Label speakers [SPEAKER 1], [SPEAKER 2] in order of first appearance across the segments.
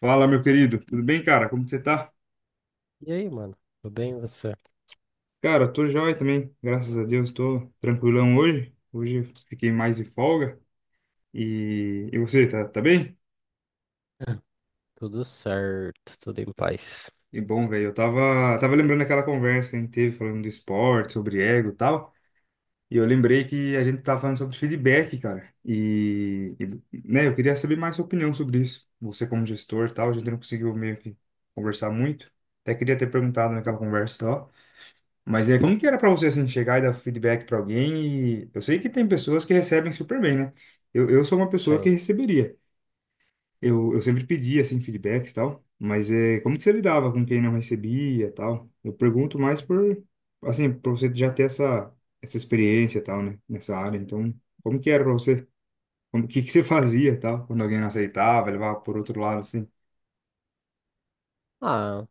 [SPEAKER 1] Fala, meu querido. Tudo bem, cara? Como que você tá?
[SPEAKER 2] E aí, mano? Tudo bem, e você?
[SPEAKER 1] Cara, tô jóia também. Graças a Deus, tô tranquilão hoje. Hoje eu fiquei mais de folga. E você, tá bem?
[SPEAKER 2] Ah, tudo certo, tudo em paz.
[SPEAKER 1] E bom, velho, eu tava lembrando daquela conversa que a gente teve falando de esporte, sobre ego e tal. E eu lembrei que a gente tava falando sobre feedback, cara. E, né, eu queria saber mais sua opinião sobre isso. Você como gestor e tal, a gente não conseguiu meio que conversar muito. Até queria ter perguntado naquela conversa, ó. Mas é como que era pra você assim chegar e dar feedback pra alguém, e eu sei que tem pessoas que recebem super bem, né? Eu sou uma pessoa que
[SPEAKER 2] Sim.
[SPEAKER 1] receberia. Eu sempre pedia assim feedbacks e tal, mas é como que você lidava com quem não recebia, e tal? Eu pergunto mais por assim, para você já ter essa experiência e tal, né, nessa área. Então, como que era pra você? Como que você fazia, e tal, quando alguém não aceitava, levava por outro lado assim?
[SPEAKER 2] Ah,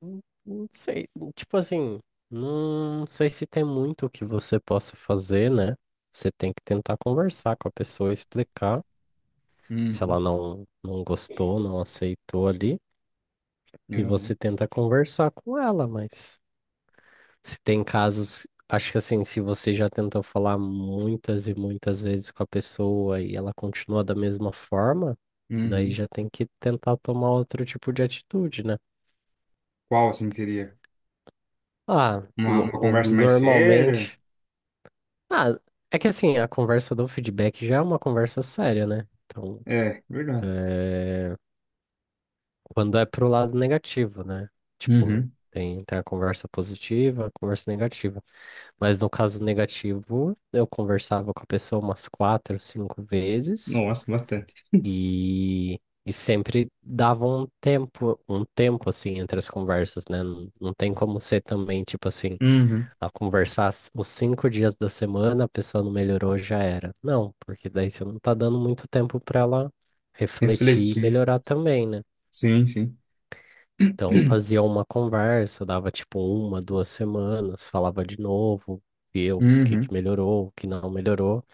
[SPEAKER 2] não não sei. Tipo assim, não sei se tem muito que você possa fazer, né? Você tem que tentar conversar com a pessoa, explicar se ela
[SPEAKER 1] Uhum,
[SPEAKER 2] não gostou, não aceitou ali, e você
[SPEAKER 1] uhum,
[SPEAKER 2] tenta conversar com ela, mas se tem casos, acho que assim, se você já tentou falar muitas e muitas vezes com a pessoa e ela continua da mesma forma, daí
[SPEAKER 1] uhum.
[SPEAKER 2] já tem que tentar tomar outro tipo de atitude, né?
[SPEAKER 1] Qual assim que seria?
[SPEAKER 2] Ah,
[SPEAKER 1] Uma conversa mais séria?
[SPEAKER 2] normalmente. Ah, é que assim, a conversa do feedback já é uma conversa séria, né? Então,
[SPEAKER 1] É, verdade.
[SPEAKER 2] é, quando é pro lado negativo, né? Tipo,
[SPEAKER 1] Uhum.
[SPEAKER 2] tem a conversa positiva, a conversa negativa. Mas no caso negativo, eu conversava com a pessoa umas quatro, cinco vezes
[SPEAKER 1] Nossa, bastante.
[SPEAKER 2] e, e sempre dava um tempo assim entre as conversas, né? Não, não tem como ser também, tipo assim,
[SPEAKER 1] Uhum.
[SPEAKER 2] a conversar os 5 dias da semana, a pessoa não melhorou, já era. Não, porque daí você não tá dando muito tempo para ela refletir e
[SPEAKER 1] Refletir.
[SPEAKER 2] melhorar também, né?
[SPEAKER 1] Sim, sim.
[SPEAKER 2] Então fazia uma conversa, dava tipo uma, 2 semanas, falava de novo, via o que
[SPEAKER 1] Uhum.
[SPEAKER 2] que melhorou, o que não melhorou.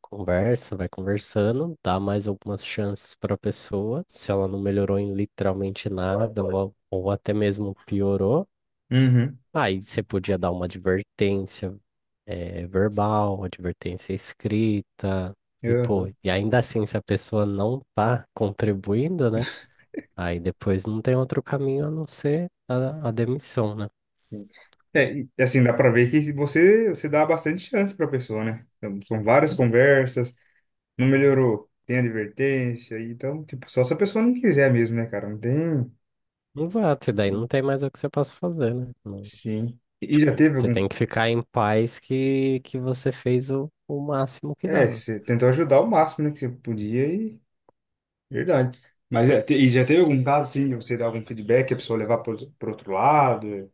[SPEAKER 2] Conversa, vai conversando, dá mais algumas chances para a pessoa. Se ela não melhorou em literalmente nada, ou até mesmo piorou,
[SPEAKER 1] Uhum.
[SPEAKER 2] aí você podia dar uma advertência, verbal, advertência escrita, e pô,
[SPEAKER 1] Uhum.
[SPEAKER 2] e ainda assim, se a pessoa não tá contribuindo, né? Aí depois não tem outro caminho a não ser a demissão, né?
[SPEAKER 1] Sim. É, e, assim, dá pra ver que você dá bastante chance pra pessoa, né? Então, são várias conversas, não melhorou, tem advertência, e então, tipo, só se a pessoa não quiser mesmo, né, cara? Não tem.
[SPEAKER 2] Exato, e daí não tem mais o que você possa fazer, né? Não,
[SPEAKER 1] Sim. E já
[SPEAKER 2] tipo,
[SPEAKER 1] teve
[SPEAKER 2] você
[SPEAKER 1] algum.
[SPEAKER 2] tem que ficar em paz que você fez o máximo que
[SPEAKER 1] É,
[SPEAKER 2] dava.
[SPEAKER 1] você tentou ajudar o máximo, né, que você podia e. Verdade. Mas é, e já teve algum caso, sim, de você dar algum feedback, a pessoa levar pro outro lado?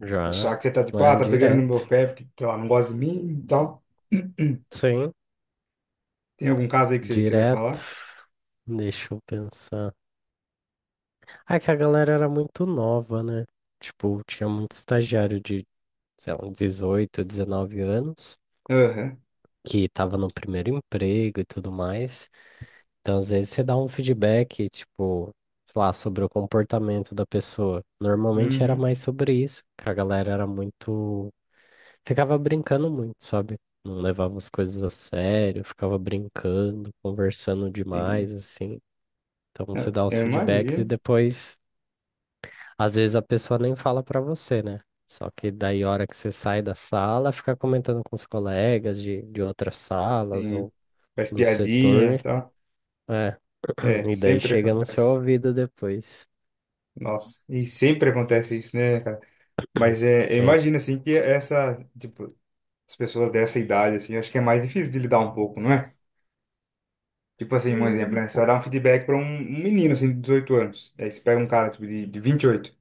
[SPEAKER 2] Já,
[SPEAKER 1] Achar que você tá tipo, ah,
[SPEAKER 2] né?
[SPEAKER 1] tá pegando no meu
[SPEAKER 2] Direto.
[SPEAKER 1] pé porque, sei lá, não gosta de mim e tal.
[SPEAKER 2] Sim,
[SPEAKER 1] Tem algum caso aí que você queria
[SPEAKER 2] direto.
[SPEAKER 1] falar?
[SPEAKER 2] Deixa eu pensar. Ah, é que a galera era muito nova, né? Tipo, tinha muito estagiário de, sei lá, 18, 19 anos,
[SPEAKER 1] Aham.
[SPEAKER 2] que tava no primeiro emprego e tudo mais. Então, às vezes, você dá um feedback, tipo, sei lá, sobre o comportamento da pessoa. Normalmente era
[SPEAKER 1] Uhum.
[SPEAKER 2] mais sobre isso, que a galera era muito ficava brincando muito, sabe? Não levava as coisas a sério, ficava brincando, conversando
[SPEAKER 1] Sim.
[SPEAKER 2] demais, assim. Então você
[SPEAKER 1] Eu
[SPEAKER 2] dá os
[SPEAKER 1] eu
[SPEAKER 2] feedbacks e
[SPEAKER 1] imagino.
[SPEAKER 2] depois, às vezes a pessoa nem fala pra você, né? Só que daí, a hora que você sai da sala, fica comentando com os colegas de outras salas
[SPEAKER 1] Sim.
[SPEAKER 2] ou
[SPEAKER 1] Faz
[SPEAKER 2] do
[SPEAKER 1] piadinha e
[SPEAKER 2] setor,
[SPEAKER 1] tal.
[SPEAKER 2] é.
[SPEAKER 1] É,
[SPEAKER 2] E daí
[SPEAKER 1] sempre
[SPEAKER 2] chega no seu
[SPEAKER 1] acontece.
[SPEAKER 2] ouvido depois.
[SPEAKER 1] Nossa. E sempre acontece isso, né, cara? Mas é, eu
[SPEAKER 2] Sim.
[SPEAKER 1] imagino, assim, que essa, tipo, as pessoas dessa idade, assim, eu acho que é mais difícil de lidar um pouco, não é? Tipo assim, um exemplo,
[SPEAKER 2] Hum.
[SPEAKER 1] né? Você vai dar um feedback para um menino, assim, de 18 anos. Aí você pega um cara, tipo, de 28.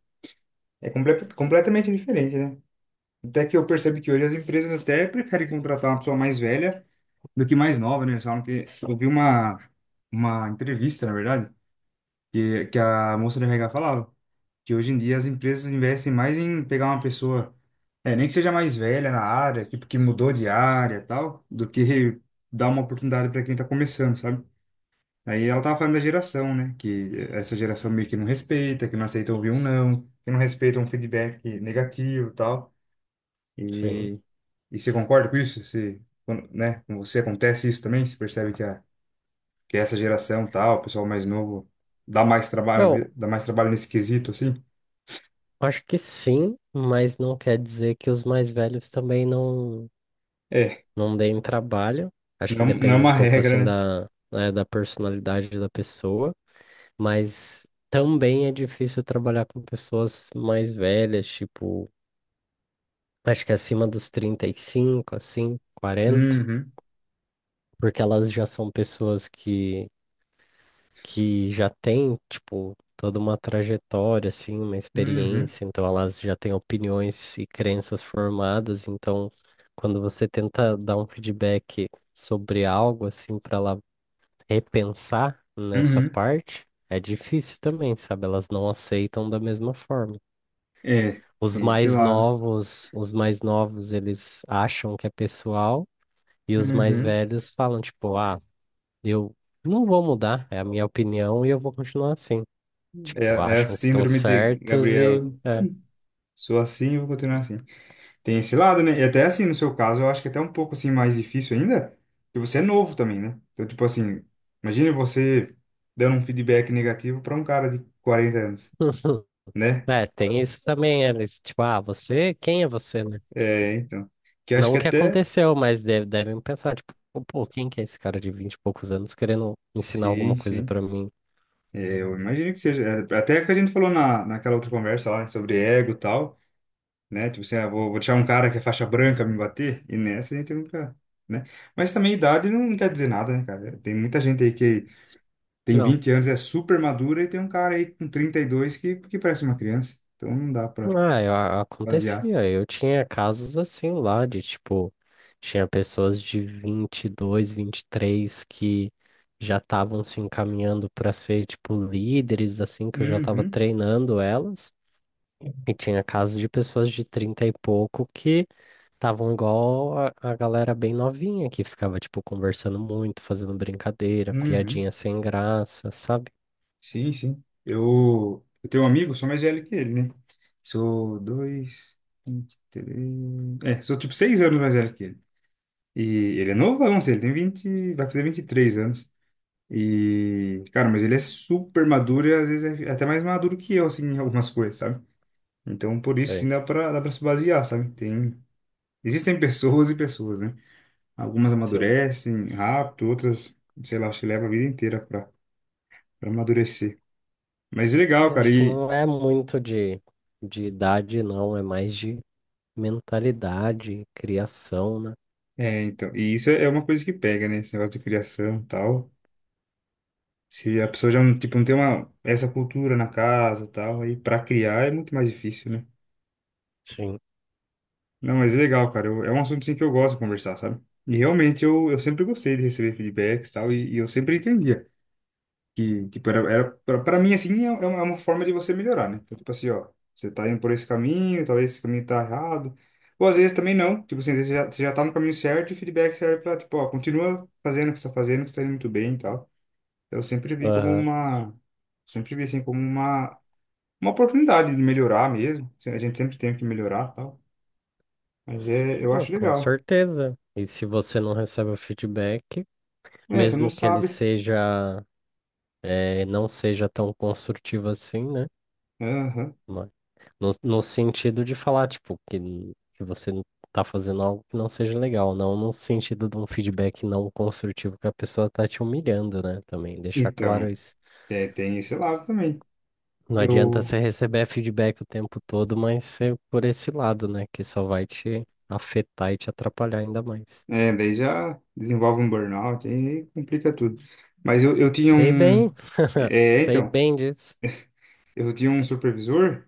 [SPEAKER 1] É completamente diferente, né? Até que eu percebo que hoje as empresas até preferem contratar uma pessoa mais velha do que mais nova, né? Eles falam que eu vi uma entrevista, na verdade, que a moça do RH falava que hoje em dia as empresas investem mais em pegar uma pessoa, é, nem que seja mais velha na área, tipo, que mudou de área e tal, do que dar uma oportunidade para quem tá começando, sabe? Aí ela tava falando da geração, né? Que essa geração meio que não respeita, que não aceita ouvir um não, que não respeita um feedback negativo e tal.
[SPEAKER 2] Sim.
[SPEAKER 1] E, e você concorda com isso? Você, né, com você acontece isso também? Você percebe que, que essa geração tal, o pessoal mais novo,
[SPEAKER 2] Eu
[SPEAKER 1] dá mais trabalho nesse quesito, assim?
[SPEAKER 2] acho que sim, mas não quer dizer que os mais velhos também não.
[SPEAKER 1] É,
[SPEAKER 2] não deem trabalho. Acho que
[SPEAKER 1] não é
[SPEAKER 2] depende um
[SPEAKER 1] uma
[SPEAKER 2] pouco assim
[SPEAKER 1] regra, né?
[SPEAKER 2] da, né, da personalidade da pessoa, mas também é difícil trabalhar com pessoas mais velhas, tipo, acho que acima dos 35 assim, 40,
[SPEAKER 1] Uhum,
[SPEAKER 2] porque elas já são pessoas que já têm, tipo, toda uma trajetória, assim, uma
[SPEAKER 1] uhum,
[SPEAKER 2] experiência, então elas já têm opiniões e crenças formadas, então quando você tenta dar um feedback sobre algo assim para ela repensar nessa
[SPEAKER 1] uhum.
[SPEAKER 2] parte é difícil também, sabe? Elas não aceitam da mesma forma.
[SPEAKER 1] É, tem esse lado.
[SPEAKER 2] Os mais novos, eles acham que é pessoal e os mais
[SPEAKER 1] Uhum.
[SPEAKER 2] velhos falam tipo, ah, eu não vou mudar, é a minha opinião e eu vou continuar assim.
[SPEAKER 1] É,
[SPEAKER 2] Tipo,
[SPEAKER 1] é a
[SPEAKER 2] acham que estão
[SPEAKER 1] síndrome de
[SPEAKER 2] certos e
[SPEAKER 1] Gabriela.
[SPEAKER 2] é.
[SPEAKER 1] Sou assim e vou continuar assim. Tem esse lado, né? E até assim, no seu caso, eu acho que é até um pouco assim mais difícil ainda, porque você é novo também, né? Então, tipo assim, imagine você dando um feedback negativo para um cara de 40 anos, né?
[SPEAKER 2] É, tem isso também, eles, tipo, ah, você, quem é você, né?
[SPEAKER 1] É, então, que eu acho
[SPEAKER 2] Não
[SPEAKER 1] que
[SPEAKER 2] o que
[SPEAKER 1] até
[SPEAKER 2] aconteceu, mas devem pensar, tipo, pô, quem que é esse cara de 20 e poucos anos querendo ensinar
[SPEAKER 1] sim,
[SPEAKER 2] alguma coisa
[SPEAKER 1] sim.
[SPEAKER 2] pra mim?
[SPEAKER 1] É, eu imagino que seja. É, até que a gente falou na naquela outra conversa lá, né, sobre ego e tal, né? Tipo assim, ah, vou deixar um cara que é faixa branca me bater, e nessa a gente nunca, né? Mas também idade não quer dizer nada, né, cara? Tem muita gente aí. Tem
[SPEAKER 2] Não.
[SPEAKER 1] 20 anos, é super madura e tem um cara aí com 32 que parece uma criança. Então não dá pra
[SPEAKER 2] Ah,
[SPEAKER 1] basear.
[SPEAKER 2] acontecia. Eu tinha casos assim lá de, tipo, tinha pessoas de 22, três que já estavam se encaminhando para ser, tipo, líderes, assim, que eu já estava
[SPEAKER 1] Uhum,
[SPEAKER 2] treinando elas. E tinha casos de pessoas de 30 e pouco que estavam igual a, galera bem novinha que ficava, tipo, conversando muito, fazendo brincadeira,
[SPEAKER 1] uhum.
[SPEAKER 2] piadinha sem graça, sabe?
[SPEAKER 1] Sim, sim. Eu tenho um amigo, sou mais velho que ele, né? Sou dois, 23. É, sou tipo 6 anos mais velho que ele. E ele é novão, assim, ele tem 20, vai fazer 23 anos. E, cara, mas ele é super maduro e às vezes é até mais maduro que eu, assim, em algumas coisas, sabe? Então, por isso,
[SPEAKER 2] Sei.
[SPEAKER 1] assim, dá pra se basear, sabe? Tem. Existem pessoas e pessoas, né? Algumas
[SPEAKER 2] Sim.
[SPEAKER 1] amadurecem rápido, outras, sei lá, acho que leva a vida inteira para amadurecer. Mas é legal,
[SPEAKER 2] Eu
[SPEAKER 1] cara.
[SPEAKER 2] acho que
[SPEAKER 1] E,
[SPEAKER 2] não é muito de idade, não, é mais de mentalidade, criação, né?
[SPEAKER 1] é, então, e isso é uma coisa que pega, né? Esse negócio de criação e tal. Se a pessoa já não, tipo, não tem uma, essa cultura na casa e tal, aí para criar é muito mais difícil, né?
[SPEAKER 2] Sim.
[SPEAKER 1] Não, mas é legal, cara. É um assunto assim, que eu gosto de conversar, sabe? E realmente eu sempre gostei de receber feedbacks e tal, e eu sempre entendia. Que, tipo, pra mim, assim, é uma, é uma forma de você melhorar, né? Então, tipo assim, ó, você tá indo por esse caminho, talvez esse caminho tá errado. Ou às vezes também não. Tipo assim, às vezes você já tá no caminho certo e o feedback serve pra, tipo, ó, continua fazendo o que você tá fazendo, que você tá indo muito bem e tal. Então, eu sempre vi como
[SPEAKER 2] Aham.
[SPEAKER 1] uma... Sempre vi, assim, como uma oportunidade de melhorar mesmo. Assim, a gente sempre tem que melhorar e tal. Mas é, eu
[SPEAKER 2] Não,
[SPEAKER 1] acho
[SPEAKER 2] com
[SPEAKER 1] legal.
[SPEAKER 2] certeza. E se você não recebe o feedback,
[SPEAKER 1] É, você não
[SPEAKER 2] mesmo que ele
[SPEAKER 1] sabe.
[SPEAKER 2] seja, não seja tão construtivo assim, né?
[SPEAKER 1] Aham.
[SPEAKER 2] Mas no sentido de falar, tipo, que você não tá fazendo algo que não seja legal, não no sentido de um feedback não construtivo que a pessoa tá te humilhando, né? Também deixar claro
[SPEAKER 1] Então,
[SPEAKER 2] isso.
[SPEAKER 1] é, tem esse lado também.
[SPEAKER 2] Não adianta
[SPEAKER 1] Eu...
[SPEAKER 2] você receber feedback o tempo todo, mas ser por esse lado, né? Que só vai te afetar e te atrapalhar ainda mais.
[SPEAKER 1] É, daí já desenvolve um burnout, aí complica tudo. Mas eu tinha
[SPEAKER 2] Sei
[SPEAKER 1] um.
[SPEAKER 2] bem,
[SPEAKER 1] É,
[SPEAKER 2] sei
[SPEAKER 1] então,
[SPEAKER 2] bem disso.
[SPEAKER 1] eu tinha um supervisor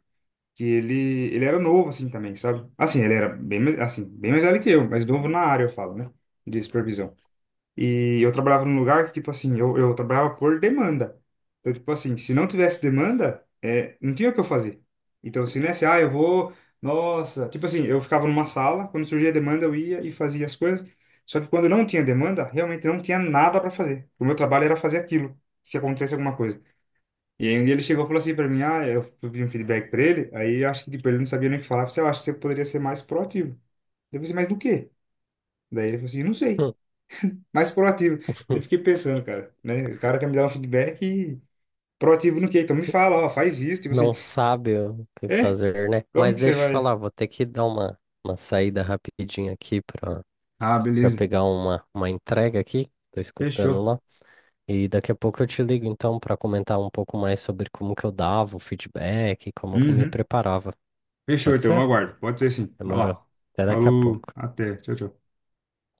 [SPEAKER 1] que ele era novo, assim, também, sabe? Assim, ele era bem, assim, bem mais velho que eu, mas novo na área, eu falo, né? De supervisão. E eu trabalhava num lugar que, tipo assim, eu trabalhava por demanda. Então, tipo assim, se não tivesse demanda, é, não tinha o que eu fazer. Então, se não é assim, ah, eu vou, nossa. Tipo assim, eu ficava numa sala, quando surgia demanda, eu ia e fazia as coisas. Só que quando não tinha demanda, realmente não tinha nada para fazer. O meu trabalho era fazer aquilo, se acontecesse alguma coisa. E aí um dia ele chegou e falou assim para mim, ah, eu pedi um feedback para ele, aí eu acho que tipo, ele não sabia nem o que falar, eu falei, "Ah, eu acho que você poderia ser mais proativo." Eu falei, assim, mas do quê? Daí ele falou assim, não sei, mais proativo. Eu fiquei pensando, cara, né? O cara quer me dar um feedback e proativo no quê? Então me fala, ó, faz isso. Tipo assim,
[SPEAKER 2] Não sabe o que
[SPEAKER 1] é?
[SPEAKER 2] fazer, né?
[SPEAKER 1] Como
[SPEAKER 2] Mas
[SPEAKER 1] que você
[SPEAKER 2] deixa eu te
[SPEAKER 1] vai?
[SPEAKER 2] falar, vou ter que dar uma saída rapidinho aqui para
[SPEAKER 1] Ah,
[SPEAKER 2] para
[SPEAKER 1] beleza.
[SPEAKER 2] pegar uma entrega aqui, tô escutando
[SPEAKER 1] Fechou.
[SPEAKER 2] lá. E daqui a pouco eu te ligo então para comentar um pouco mais sobre como que eu dava o feedback, como que eu me
[SPEAKER 1] Uhum.
[SPEAKER 2] preparava.
[SPEAKER 1] Fechou,
[SPEAKER 2] Pode
[SPEAKER 1] então, eu
[SPEAKER 2] ser?
[SPEAKER 1] aguardo. Pode ser, sim. Vai
[SPEAKER 2] Demorou.
[SPEAKER 1] lá.
[SPEAKER 2] Até daqui a
[SPEAKER 1] Falou,
[SPEAKER 2] pouco.
[SPEAKER 1] até. Tchau, tchau.